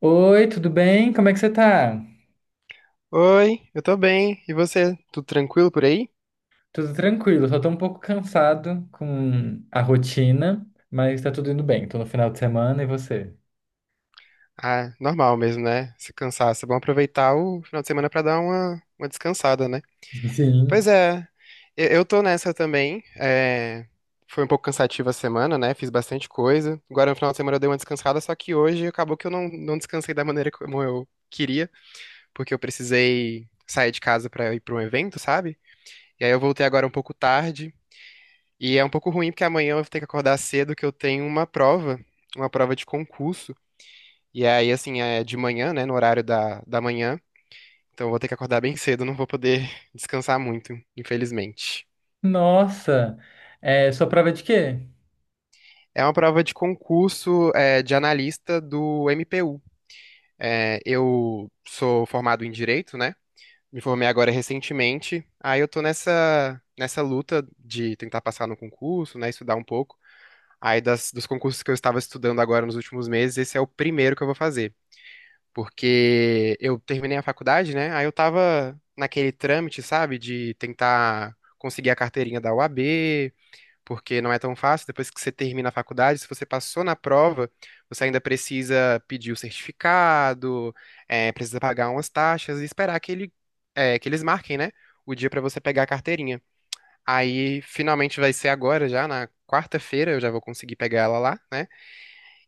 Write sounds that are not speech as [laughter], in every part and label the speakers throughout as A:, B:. A: Oi, tudo bem? Como é que você tá?
B: Oi, eu tô bem. E você? Tudo tranquilo por aí?
A: Tudo tranquilo, só tô um pouco cansado com a rotina, mas tá tudo indo bem. Tô no final de semana e você?
B: Ah, normal mesmo, né? Se cansaço. É bom aproveitar o final de semana pra dar uma descansada, né? Pois
A: Sim.
B: é, eu tô nessa também. Foi um pouco cansativa a semana, né? Fiz bastante coisa. Agora no final de semana eu dei uma descansada, só que hoje acabou que eu não descansei da maneira como eu queria, porque eu precisei sair de casa pra ir pra um evento, sabe? E aí eu voltei agora um pouco tarde. E é um pouco ruim porque amanhã eu vou ter que acordar cedo que eu tenho uma prova de concurso. E aí, assim, é de manhã, né, no horário da manhã. Então eu vou ter que acordar bem cedo, não vou poder [laughs] descansar muito, infelizmente.
A: Nossa, sua prova é de quê?
B: É uma prova de concurso, é, de analista do MPU. É, eu sou formado em Direito, né? Me formei agora recentemente. Aí eu tô nessa luta de tentar passar no concurso, né, estudar um pouco. Aí dos concursos que eu estava estudando agora nos últimos meses, esse é o primeiro que eu vou fazer. Porque eu terminei a faculdade, né? Aí eu tava naquele trâmite, sabe, de tentar conseguir a carteirinha da UAB, porque não é tão fácil. Depois que você termina a faculdade, se você passou na prova, você ainda precisa pedir o certificado, precisa pagar umas taxas e esperar que ele, que eles marquem, né? O dia pra você pegar a carteirinha. Aí finalmente vai ser agora já, na quarta-feira eu já vou conseguir pegar ela lá, né?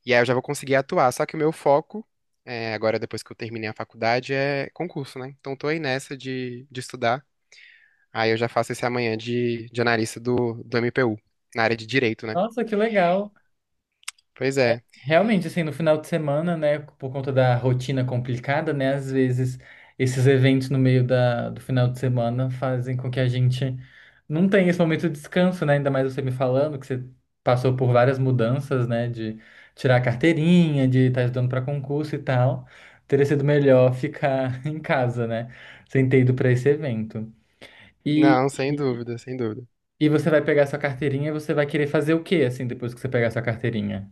B: E aí eu já vou conseguir atuar. Só que o meu foco, é, agora depois que eu terminei a faculdade, é concurso, né? Então tô aí nessa de estudar. Aí eu já faço esse amanhã de analista do MPU, na área de direito, né?
A: Nossa, que legal.
B: Pois é.
A: Realmente, assim, no final de semana, né, por conta da rotina complicada, né, às vezes esses eventos no meio do final de semana fazem com que a gente não tenha esse momento de descanso, né, ainda mais você me falando que você passou por várias mudanças, né, de tirar a carteirinha, de estar estudando para concurso e tal. Teria sido melhor ficar [laughs] em casa, né, sem ter ido para esse evento. E,
B: Não, sem
A: e,
B: dúvida, sem dúvida.
A: e você vai pegar sua carteirinha e você vai querer fazer o quê, assim, depois que você pegar sua carteirinha?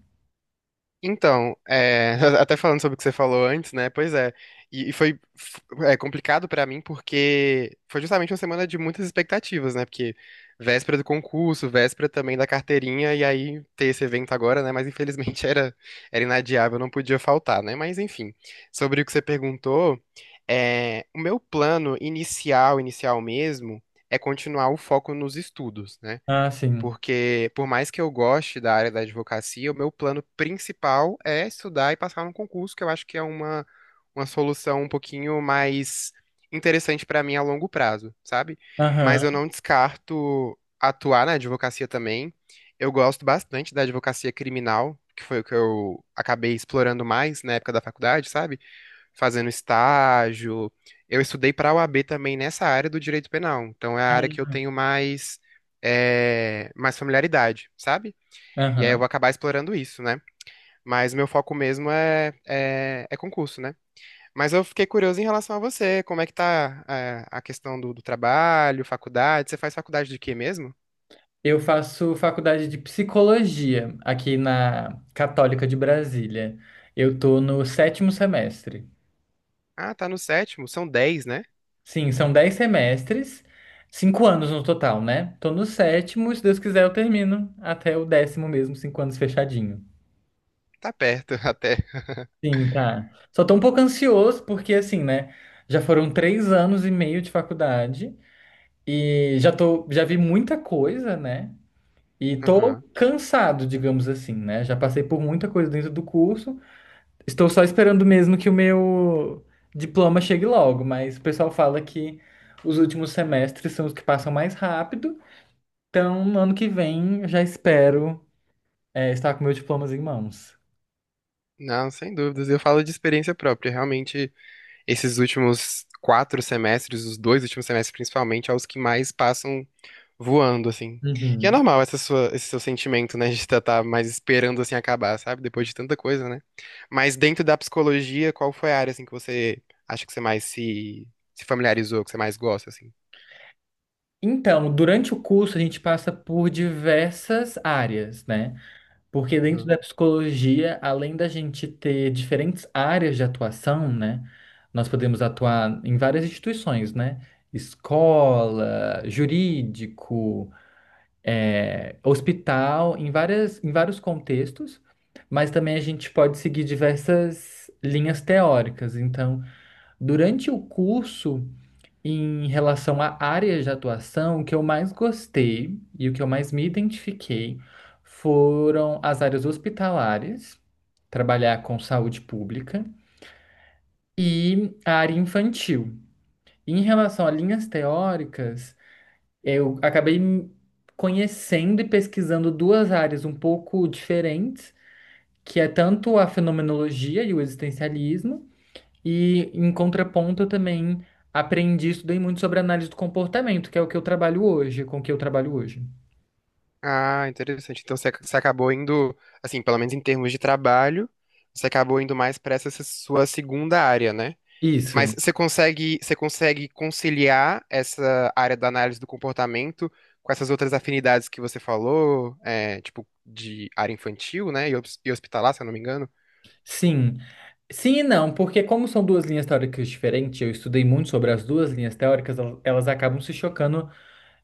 B: Então, é, [laughs] até falando sobre o que você falou antes, né? Pois é. E foi é, complicado pra mim porque foi justamente uma semana de muitas expectativas, né? Porque véspera do concurso, véspera também da carteirinha, e aí ter esse evento agora, né? Mas infelizmente [laughs] era, era inadiável, não podia faltar, né? Mas enfim, sobre o que você perguntou, é, o meu plano inicial, inicial mesmo, é continuar o foco nos estudos, né?
A: Ah, sim.
B: Porque, por mais que eu goste da área da advocacia, o meu plano principal é estudar e passar num concurso, que eu acho que é uma solução um pouquinho mais interessante para mim a longo prazo, sabe?
A: Aham.
B: Mas eu não descarto atuar na advocacia também. Eu gosto bastante da advocacia criminal, que foi o que eu acabei explorando mais na época da faculdade, sabe? Fazendo estágio. Eu estudei para a OAB também nessa área do direito penal, então é a área que eu tenho mais, é, mais familiaridade, sabe? E aí eu
A: Aham.
B: vou acabar explorando isso, né? Mas meu foco mesmo é concurso, né? Mas eu fiquei curioso em relação a você, como é que tá, é, a questão do trabalho, faculdade? Você faz faculdade de quê mesmo?
A: Eu faço faculdade de psicologia aqui na Católica de Brasília. Eu tô no sétimo semestre.
B: Ah, tá no sétimo, são dez, né?
A: Sim, são dez semestres, cinco anos no total, né? Tô no sétimo, se Deus quiser, eu termino até o décimo mesmo, cinco anos fechadinho.
B: Tá perto [laughs] até.
A: Sim, tá. Só tô um pouco ansioso porque, assim, né? Já foram três anos e meio de faculdade e já vi muita coisa, né? E tô
B: Aham.
A: cansado, digamos assim, né? Já passei por muita coisa dentro do curso. Estou só esperando mesmo que o meu diploma chegue logo, mas o pessoal fala que os últimos semestres são os que passam mais rápido. Então, no ano que vem, eu já espero, estar com meu diploma em mãos.
B: Não, sem dúvidas. Eu falo de experiência própria. Realmente, esses últimos quatro semestres, os dois últimos semestres principalmente, é os que mais passam voando, assim. E é
A: Uhum.
B: normal essa esse seu sentimento, né, de estar tá mais esperando, assim, acabar, sabe? Depois de tanta coisa, né? Mas dentro da psicologia, qual foi a área, assim, que você acha que você mais se familiarizou, que você mais gosta, assim?
A: Então, durante o curso, a gente passa por diversas áreas, né? Porque dentro
B: Aham.
A: da psicologia, além da gente ter diferentes áreas de atuação, né? Nós podemos atuar em várias instituições, né? Escola, jurídico, hospital, em vários contextos, mas também a gente pode seguir diversas linhas teóricas. Então, durante o curso, em relação à área de atuação, o que eu mais gostei e o que eu mais me identifiquei foram as áreas hospitalares, trabalhar com saúde pública, e a área infantil. Em relação a linhas teóricas, eu acabei conhecendo e pesquisando duas áreas um pouco diferentes, que é tanto a fenomenologia e o existencialismo, e em contraponto eu também aprendi, e estudei muito sobre análise do comportamento, que é o que eu trabalho hoje, com o que eu trabalho hoje.
B: Ah, interessante. Então você, você acabou indo, assim, pelo menos em termos de trabalho, você acabou indo mais para essa sua segunda área, né?
A: Isso,
B: Mas você consegue conciliar essa área da análise do comportamento com essas outras afinidades que você falou, é, tipo, de área infantil, né? E e hospitalar, se eu não me engano.
A: sim. Sim e não, porque como são duas linhas teóricas diferentes, eu estudei muito sobre as duas linhas teóricas, elas acabam se chocando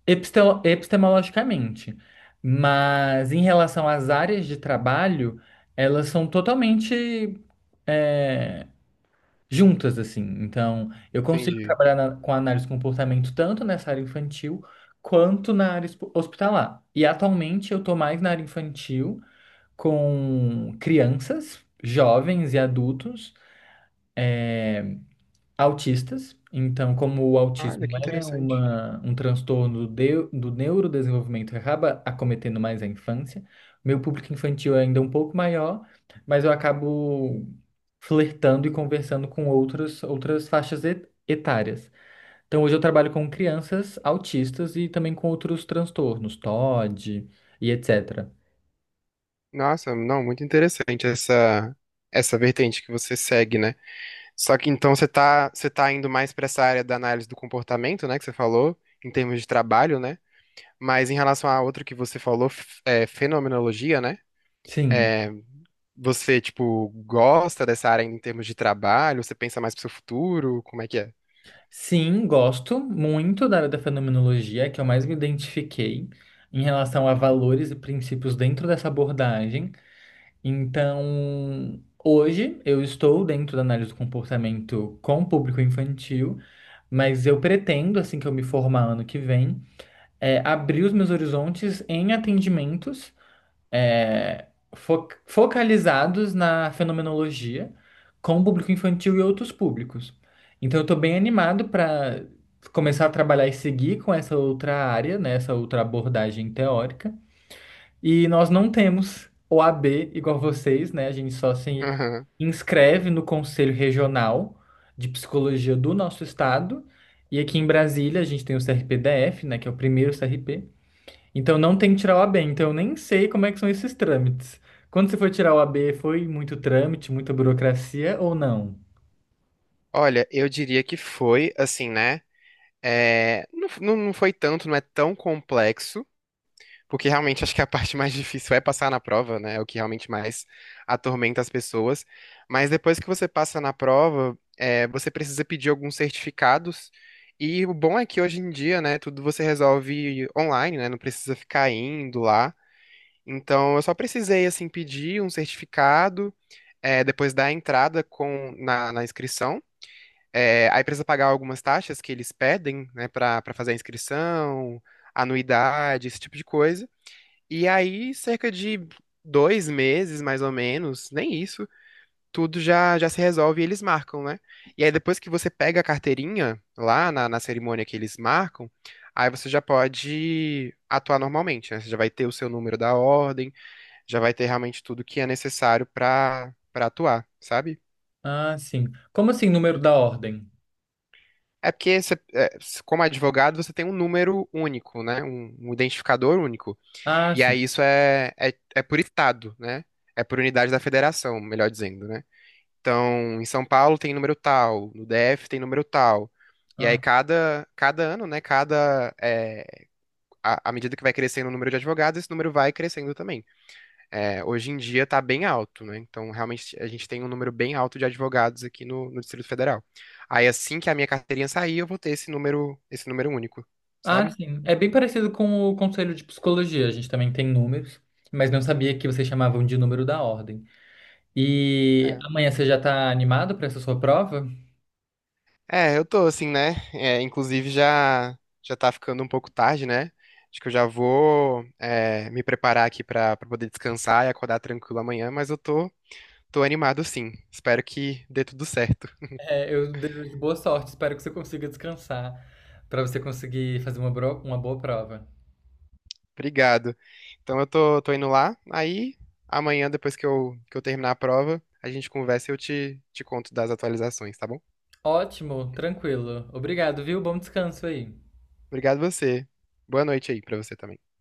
A: epistemologicamente. Mas em relação às áreas de trabalho, elas são totalmente é, juntas, assim. Então, eu consigo
B: Entendi.
A: trabalhar com análise de comportamento tanto nessa área infantil quanto na área hospitalar. E atualmente eu estou mais na área infantil com crianças, jovens e adultos. Autistas. Então, como o
B: Olha,
A: autismo
B: que
A: é
B: interessante.
A: um transtorno do neurodesenvolvimento, acaba acometendo mais a infância. Meu público infantil é ainda um pouco maior, mas eu acabo flertando e conversando com outras faixas etárias. Então, hoje eu trabalho com crianças autistas e também com outros transtornos, TOD e etc.
B: Nossa, não, muito interessante essa vertente que você segue, né? Só que então você tá indo mais para essa área da análise do comportamento, né, que você falou, em termos de trabalho, né? Mas em relação à outra que você falou, é, fenomenologia, né?
A: Sim.
B: É, você, tipo, gosta dessa área ainda em termos de trabalho? Você pensa mais pro seu futuro? Como é que é?
A: Sim, gosto muito da área da fenomenologia, é que eu mais me identifiquei em relação a valores e princípios dentro dessa abordagem. Então, hoje eu estou dentro da análise do comportamento com o público infantil, mas eu pretendo, assim que eu me formar ano que vem, abrir os meus horizontes em atendimentos é, focalizados na fenomenologia com o público infantil e outros públicos. Então, eu estou bem animado para começar a trabalhar e seguir com essa outra área, né, essa outra abordagem teórica. E nós não temos o OAB igual vocês, né? A gente só se
B: Aham.
A: inscreve no Conselho Regional de Psicologia do nosso estado. E aqui em Brasília, a gente tem o CRPDF, né, que é o primeiro CRP. Então não tem que tirar o AB, então eu nem sei como é que são esses trâmites. Quando você foi tirar o AB, foi muito trâmite, muita burocracia ou não?
B: Olha, eu diria que foi, assim, né? É, não, não foi tanto, não é tão complexo, porque realmente acho que a [laughs] parte mais difícil é passar na prova, né? É o que realmente mais atormenta as pessoas. Mas depois que você passa na prova, é, você precisa pedir alguns certificados. E o bom é que hoje em dia, né, tudo você resolve online, né? Não precisa ficar indo lá. Então, eu só precisei, assim, pedir um certificado, é, depois da entrada na inscrição. É, aí precisa pagar algumas taxas que eles pedem, né, para fazer a inscrição, anuidade, esse tipo de coisa. E aí, cerca de dois meses, mais ou menos, nem isso, tudo já se resolve e eles marcam, né? E aí, depois que você pega a carteirinha lá na cerimônia que eles marcam, aí você já pode atuar normalmente, né? Você já vai ter o seu número da ordem já vai ter realmente tudo que é necessário para atuar, sabe?
A: Ah, sim. Como assim, número da ordem?
B: É porque, é, como advogado, você tem um número único, né? Um identificador único.
A: Ah,
B: E
A: sim.
B: aí isso é por estado, né? É por unidade da federação, melhor dizendo, né? Então, em São Paulo tem número tal, no DF tem número tal. E aí
A: Ah,
B: cada ano, né? Cada, é, à medida que vai crescendo o número de advogados, esse número vai crescendo também. É, hoje em dia está bem alto, né? Então, realmente, a gente tem um número bem alto de advogados aqui no, no Distrito Federal. Aí, assim que a minha carteirinha sair, eu vou ter esse número único,
A: Ah,
B: sabe?
A: sim. É bem parecido com o conselho de psicologia. A gente também tem números, mas não sabia que vocês chamavam de número da ordem. E
B: É,
A: amanhã você já está animado para essa sua prova?
B: é, eu tô assim, né? É, inclusive, já tá ficando um pouco tarde, né? Acho que eu já vou é, me preparar aqui para poder descansar e acordar tranquilo amanhã, mas eu tô, tô animado sim. Espero que dê tudo certo.
A: É, eu desejo boa sorte. Espero que você consiga descansar para você conseguir fazer uma, uma boa prova.
B: Obrigado. Então eu tô, tô indo lá. Aí amanhã, depois que eu terminar a prova, a gente conversa e eu te conto das atualizações, tá bom?
A: Ótimo, tranquilo. Obrigado, viu? Bom descanso aí.
B: Obrigado você. Boa noite aí pra você também.